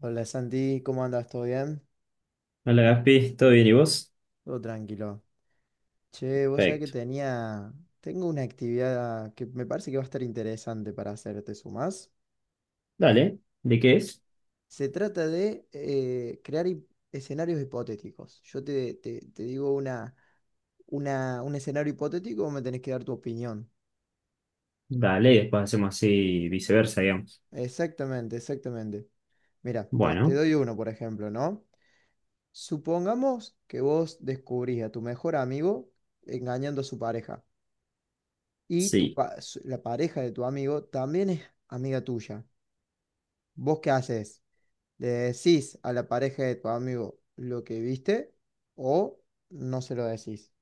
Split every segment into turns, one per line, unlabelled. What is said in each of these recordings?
Hola Santi, ¿cómo andas? ¿Todo bien?
Hola Gaspi, ¿todo bien y vos?
Todo tranquilo. Che, vos sabés que
Perfecto.
tenía. Tengo una actividad que me parece que va a estar interesante para hacer, ¿te sumás?
Dale, ¿de qué es?
Se trata de crear escenarios hipotéticos. Yo te digo una, un escenario hipotético, vos me tenés que dar tu opinión.
Dale, y después hacemos así viceversa, digamos.
Exactamente, exactamente. Mira, te
Bueno,
doy uno, por ejemplo, ¿no? Supongamos que vos descubrís a tu mejor amigo engañando a su pareja. Y
sí.
la pareja de tu amigo también es amiga tuya. ¿Vos qué haces? ¿Le decís a la pareja de tu amigo lo que viste o no se lo decís?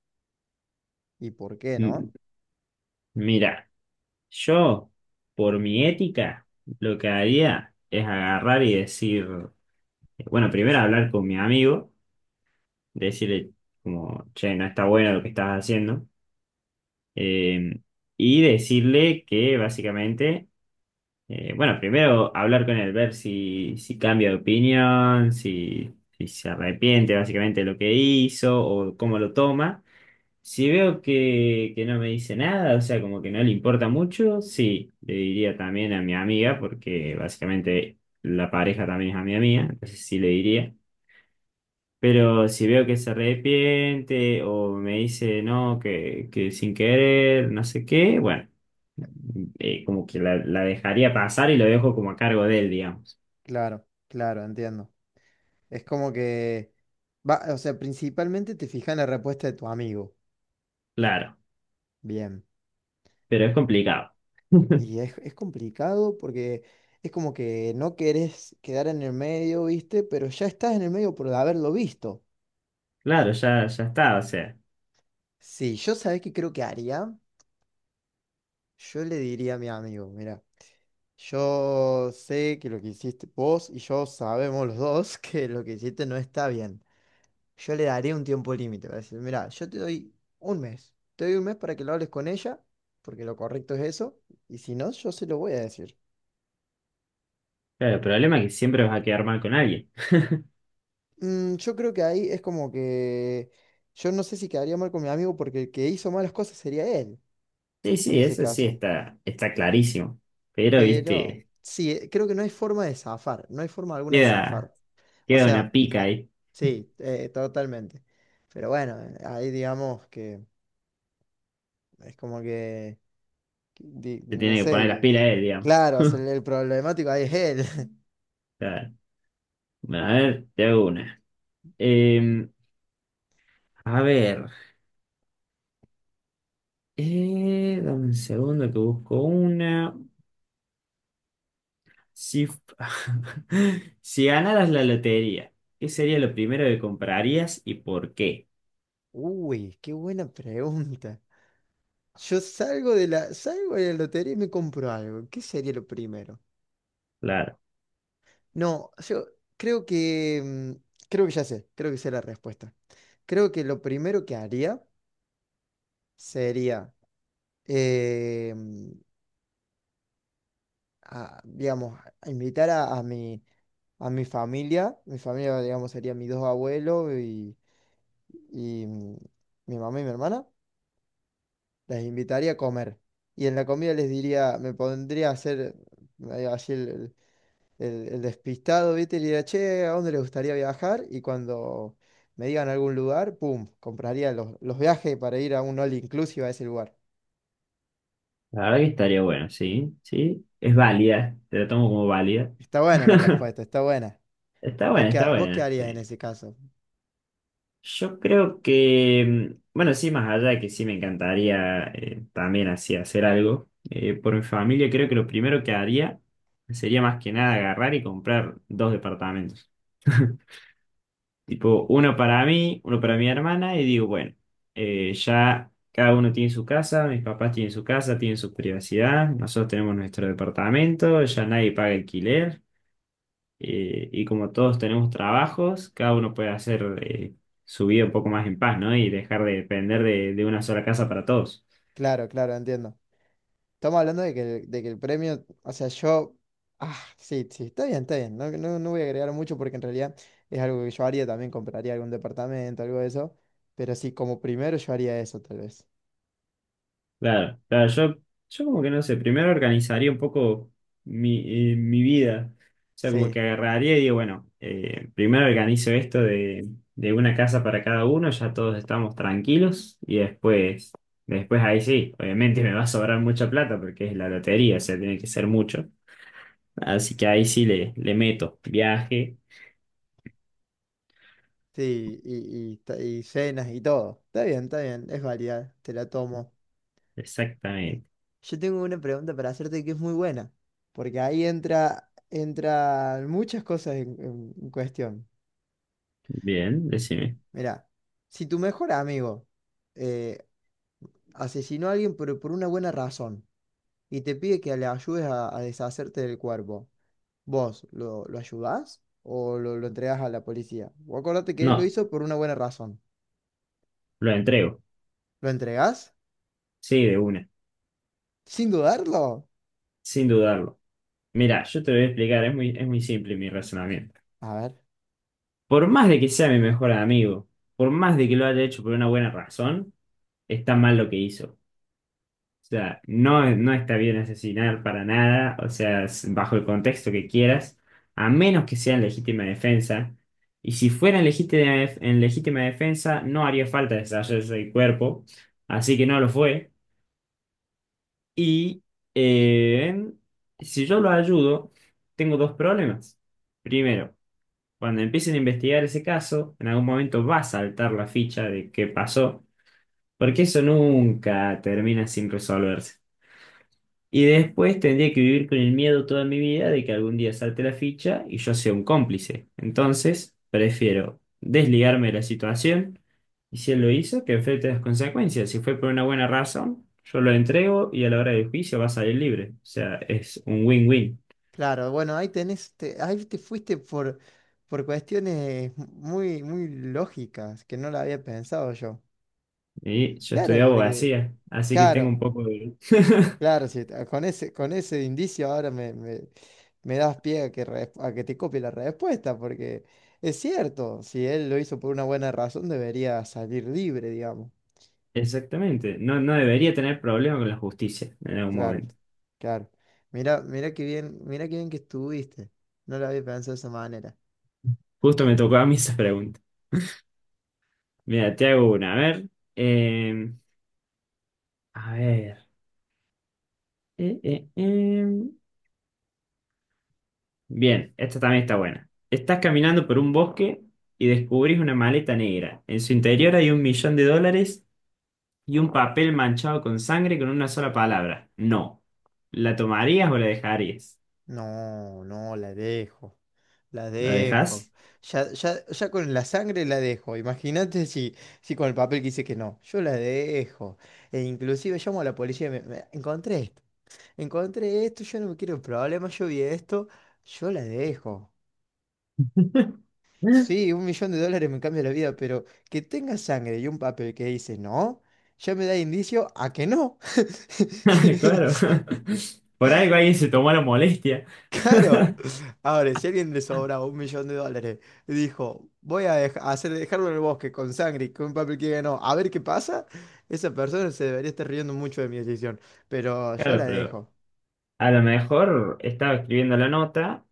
¿Y por qué
M-
no?
Mira, yo, por mi ética, lo que haría es agarrar y decir, bueno, primero hablar con mi amigo, decirle como, che, no está bueno lo que estás haciendo, eh, y decirle que básicamente. Bueno, primero hablar con él, ver si cambia de opinión, si se arrepiente básicamente de lo que hizo o cómo lo toma. Si veo que no me dice nada, o sea, como que no le importa mucho, sí, le diría también a mi amiga, porque básicamente la pareja también es amiga mía, entonces sí le diría. Pero si veo que se arrepiente o me dice no, que sin querer, no sé qué, bueno como que la dejaría pasar y lo dejo como a cargo de él, digamos.
Claro, claro, entiendo. Es como que va, o sea, principalmente te fijas en la respuesta de tu amigo.
Claro,
Bien.
pero es complicado.
Y es complicado porque es como que no querés quedar en el medio, ¿viste? Pero ya estás en el medio por haberlo visto.
Claro, ya, ya está, o sea.
Sí, yo sabés que creo que haría. Yo le diría a mi amigo, mira, yo sé que lo que hiciste vos y yo sabemos los dos que lo que hiciste no está bien. Yo le daría un tiempo límite para decir, mira, yo te doy 1 mes, te doy un mes para que lo hables con ella, porque lo correcto es eso, y si no, yo se lo voy a decir.
Claro, el problema es que siempre vas a quedar mal con alguien.
Mm, yo creo que ahí es como que yo no sé si quedaría mal con mi amigo porque el que hizo malas cosas sería él,
Sí,
en
sí,
ese
eso sí
caso.
está clarísimo. Pero,
Pero
viste,
sí, creo que no hay forma de zafar, no hay forma alguna de
queda,
zafar. O
queda una
sea...
pica ahí.
Sí, totalmente. Pero bueno, ahí digamos que es como que
Se
no
tiene que poner las
sé,
pilas él, digamos.
claro, o sea, el problemático ahí es él.
Claro. Bueno, a ver, te hago una. Eh, a ver, dame un segundo que busco una. Si, si ganaras la lotería, ¿qué sería lo primero que comprarías y por qué?
Uy, qué buena pregunta. Yo salgo de salgo de la lotería y me compro algo. ¿Qué sería lo primero?
Claro,
No, yo creo que, creo que ya sé, creo que sé la respuesta. Creo que lo primero que haría sería, eh, mm, digamos, a invitar a mi familia. Mi familia, digamos, serían mis dos abuelos y mi mamá y mi hermana. Les invitaría a comer. Y en la comida les diría, me pondría a hacer así el despistado, ¿viste? Y le diría, che, ¿a dónde les gustaría viajar? Y cuando me digan algún lugar, pum, compraría los viajes para ir a un all inclusive a ese lugar.
la verdad que estaría bueno, sí, sí, es válida, te la tomo como válida.
Está buena la respuesta, está buena.
Está
¿Vos
buena, está
vos qué
buena.
harías en
Sí.
ese caso?
Yo creo que, bueno, sí, más allá de que sí me encantaría también así hacer algo por mi familia, creo que lo primero que haría sería más que nada agarrar y comprar dos departamentos. Tipo, uno para mí, uno para mi hermana, y digo, bueno, ya cada uno tiene su casa, mis papás tienen su casa, tienen su privacidad, nosotros tenemos nuestro departamento, ya nadie paga alquiler, y como todos tenemos trabajos, cada uno puede hacer su vida un poco más en paz, ¿no? Y dejar de depender de una sola casa para todos.
Claro, claro, entiendo. Estamos hablando de que, de que el premio, o sea, yo, ah, sí, sí, está bien, no voy a agregar mucho porque en realidad es algo que yo haría, también compraría algún departamento, algo de eso, pero sí, como primero yo haría eso tal vez.
Claro, claro, yo, como que no sé, primero organizaría un poco mi vida. O sea, como
Sí,
que agarraría y digo, bueno, primero organizo esto de una casa para cada uno, ya todos estamos tranquilos, y después ahí sí, obviamente me va a sobrar mucha plata porque es la lotería, o sea, tiene que ser mucho. Así que ahí sí le meto viaje,
sí, y cenas y todo. Está bien, es válida, te la tomo.
exactamente.
Yo tengo una pregunta para hacerte que es muy buena, porque ahí entra, entran muchas cosas en cuestión.
Bien, decime.
Mira, si tu mejor amigo... eh, asesinó a alguien pero por una buena razón y te pide que le ayudes a deshacerte del cuerpo. ¿Vos lo ayudás o lo entregás a la policía? Vos acordate que él lo
No,
hizo por una buena razón.
lo entrego.
¿Lo entregás?
Sí, de una.
Sin dudarlo.
Sin dudarlo. Mira, yo te lo voy a explicar, es muy simple mi razonamiento.
A ver.
Por más de que sea mi mejor amigo, por más de que lo haya hecho por una buena razón, está mal lo que hizo. O sea, no, no está bien asesinar para nada, o sea, bajo el contexto que quieras, a menos que sea en legítima defensa. Y si fuera en legítima defensa, no haría falta deshacerse del cuerpo, así que no lo fue. Y eh, si yo lo ayudo, tengo dos problemas. Primero, cuando empiecen a investigar ese caso, en algún momento va a saltar la ficha de qué pasó, porque eso nunca termina sin resolverse. Y después tendría que vivir con el miedo toda mi vida de que algún día salte la ficha y yo sea un cómplice. Entonces, prefiero desligarme de la situación y si él lo hizo, que enfrente las consecuencias. Si fue por una buena razón, yo lo entrego y a la hora del juicio va a salir libre. O sea, es un win-win.
Claro, bueno, ahí tenés, te, ahí te fuiste por cuestiones muy, muy lógicas que no la había pensado yo.
Y yo estudié
Claro, porque,
abogacía, así que tengo
claro,
un poco de...
claro, sí, ta- con ese indicio ahora me das pie a que, re- a que te copie la respuesta, porque es cierto, si él lo hizo por una buena razón, debería salir libre, digamos.
Exactamente, no, no debería tener problema con la justicia en algún
Claro,
momento.
claro. Mira, mira qué bien que estuviste. No lo había pensado de esa manera.
Justo me tocó a mí esa pregunta. Mira, te hago una. A ver, em, a ver. Eh, eh, em. Bien, esta también está buena. Estás caminando por un bosque y descubrís una maleta negra. En su interior hay 1 millón de dólares y un papel manchado con sangre con una sola palabra. No. ¿La tomarías o la dejarías?
No, no, la dejo. La
¿La
dejo.
dejas?
Ya, ya, ya con la sangre la dejo. Imagínate si, si con el papel que dice que no. Yo la dejo. E inclusive llamo a la policía y me encontré esto. Encontré esto, yo no me quiero problemas, yo vi esto, yo la dejo. Sí, $1.000.000 me cambia la vida, pero que tenga sangre y un papel que dice no, ya me da indicio a que no.
Claro. Por algo alguien se tomó la molestia.
Claro. Ahora, si a alguien le sobra $1.000.000, dijo, voy a dej- a hacer dejarlo en el bosque con sangre y con un papel que diga no, a ver qué pasa, esa persona se debería estar riendo mucho de mi decisión, pero yo la
Claro, pero
dejo.
a lo mejor estaba escribiendo la nota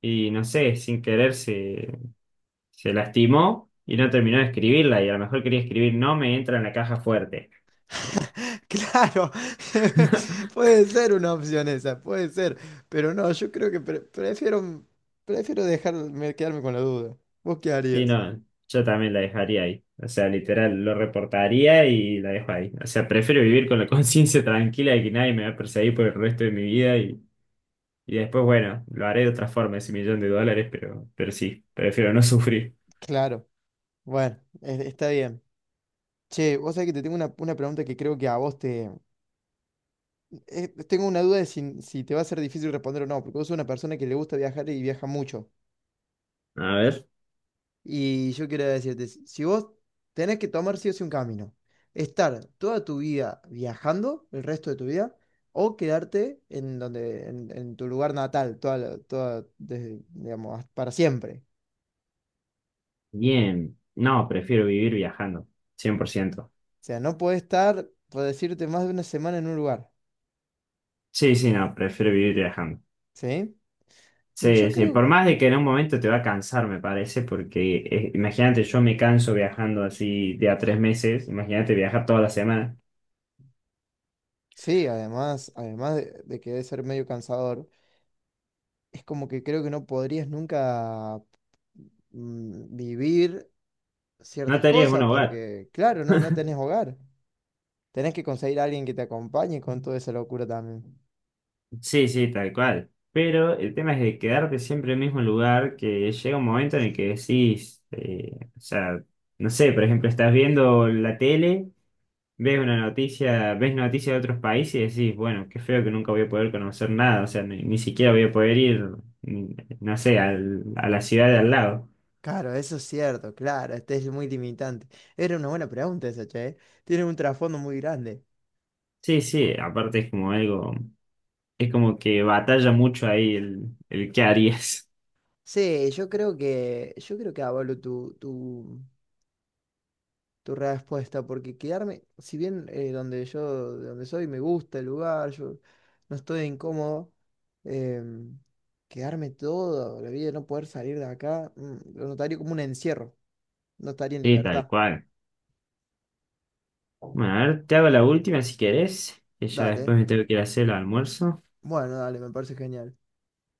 y no sé, sin querer se lastimó y no terminó de escribirla y a lo mejor quería escribir no me entra en la caja fuerte. Y-
Claro, puede ser una opción esa, puede ser, pero no, yo creo que prefiero, prefiero dejarme quedarme con la duda. ¿Vos qué
Sí,
harías?
no, yo también la dejaría ahí. O sea, literal, lo reportaría y la dejo ahí. O sea, prefiero vivir con la conciencia tranquila de que nadie me va a perseguir por el resto de mi vida y después, bueno, lo haré de otra forma, ese millón de dólares, pero sí, prefiero no sufrir.
Claro, bueno, está bien. Che, vos sabés que te tengo una pregunta que creo que a vos te... tengo una duda de si, si te va a ser difícil responder o no, porque vos sos una persona que le gusta viajar y viaja mucho.
A ver.
Y yo quiero decirte, si si vos tenés que tomar sí o sí un camino, estar toda tu vida viajando, el resto de tu vida, o quedarte en donde, en tu lugar natal, toda, toda, desde, digamos, hasta- para siempre.
Bien. No, prefiero vivir viajando, 100%.
O sea, no podés estar, por decirte, más de una semana en un lugar,
Sí, sí, no, prefiero vivir viajando.
¿sí? No, yo
Sí, sí,
creo,
por más de que en un momento te va a cansar, me parece, porque imagínate, yo me canso viajando así de a 3 meses, imagínate viajar toda la semana,
sí, además, además de que debe ser medio cansador, es como que creo que no podrías nunca vivir
no
ciertas
te harías un
cosas,
hogar.
porque claro, no, no tenés hogar. Tenés que conseguir a alguien que te acompañe con toda esa locura también.
Sí, sí, tal cual. Pero el tema es de quedarte siempre en el mismo lugar, que llega un momento en el que decís, o sea, no sé, por ejemplo, estás viendo la tele, ves una noticia, ves noticias de otros países y decís, bueno, qué feo que nunca voy a poder conocer nada, o sea, ni siquiera voy a poder ir, no sé, a la ciudad de al lado.
Claro, eso es cierto, claro, este es muy limitante. Era una buena pregunta esa, che. ¿Eh? Tiene un trasfondo muy grande.
Sí, sí, aparte es como algo, es como que batalla mucho ahí el qué harías.
Sí, yo creo que avalo tu respuesta, porque quedarme, si bien donde yo, de donde soy, me gusta el lugar, yo no estoy incómodo, em, quedarme toda la vida, no poder salir de acá, lo notaría como un encierro. No estaría en
Sí, tal
libertad.
cual. Bueno, a ver, te hago la última si querés, que ya después
Dale.
me tengo que ir a hacer el almuerzo.
Bueno, dale, me parece genial.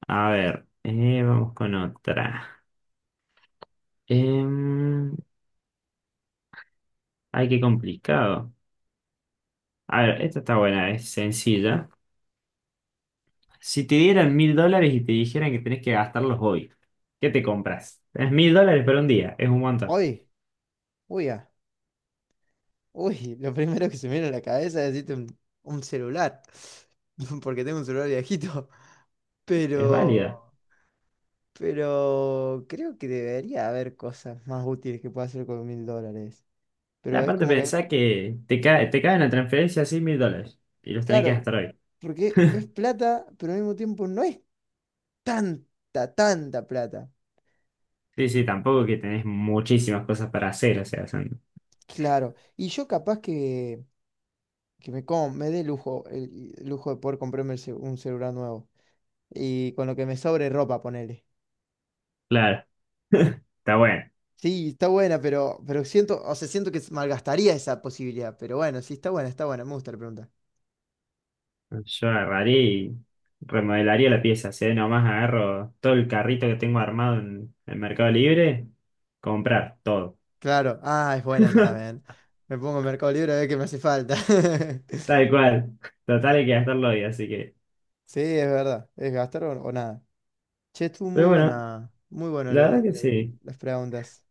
A ver, vamos con otra. Em, ay, qué complicado. A ver, esta está buena, es sencilla. Si te dieran 1000 dólares y te dijeran que tenés que gastarlos hoy, ¿qué te compras? Es mil dólares por un día, es un montón,
Hoy, uy, ah, lo primero que se me viene a la cabeza es decirte un celular. Porque tengo un celular viejito.
es válida.
Pero, pero creo que debería haber cosas más útiles que pueda hacer con $1.000. Pero es
Aparte
como que,
pensá que te cae en la transferencia así 1000 dólares y los tenés que
claro,
gastar hoy.
porque es plata, pero al mismo tiempo no es tanta, tanta plata.
Sí, sí, tampoco que tenés muchísimas cosas para hacer, o sea, son...
Claro. Y yo capaz que. Que me, me dé lujo, el lujo de poder comprarme el un celular nuevo. Y con lo que me sobre ropa, ponele.
Claro, está bueno.
Sí, está buena, pero siento, o sea, siento que malgastaría esa posibilidad. Pero bueno, sí, está buena, me gusta la pregunta.
Yo agarraría y remodelaría la pieza, si ahí nomás agarro todo el carrito que tengo armado en el Mercado Libre, comprar todo,
Claro, ah, es buena esa también. Me pongo en Mercado Libre a ver qué me hace falta.
tal cual. Total hay que gastarlo hoy, así que...
Sí, es verdad, es gastar o nada. Che, estuvo
Pero bueno,
muy buena
la verdad que sí.
las preguntas.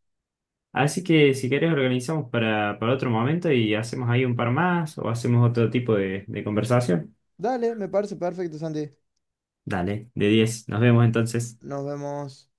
Así que si querés organizamos para otro momento y hacemos ahí un par más o hacemos otro tipo de conversación.
Dale, me parece perfecto, Santi.
Dale, de 10. Nos vemos entonces.
Nos vemos.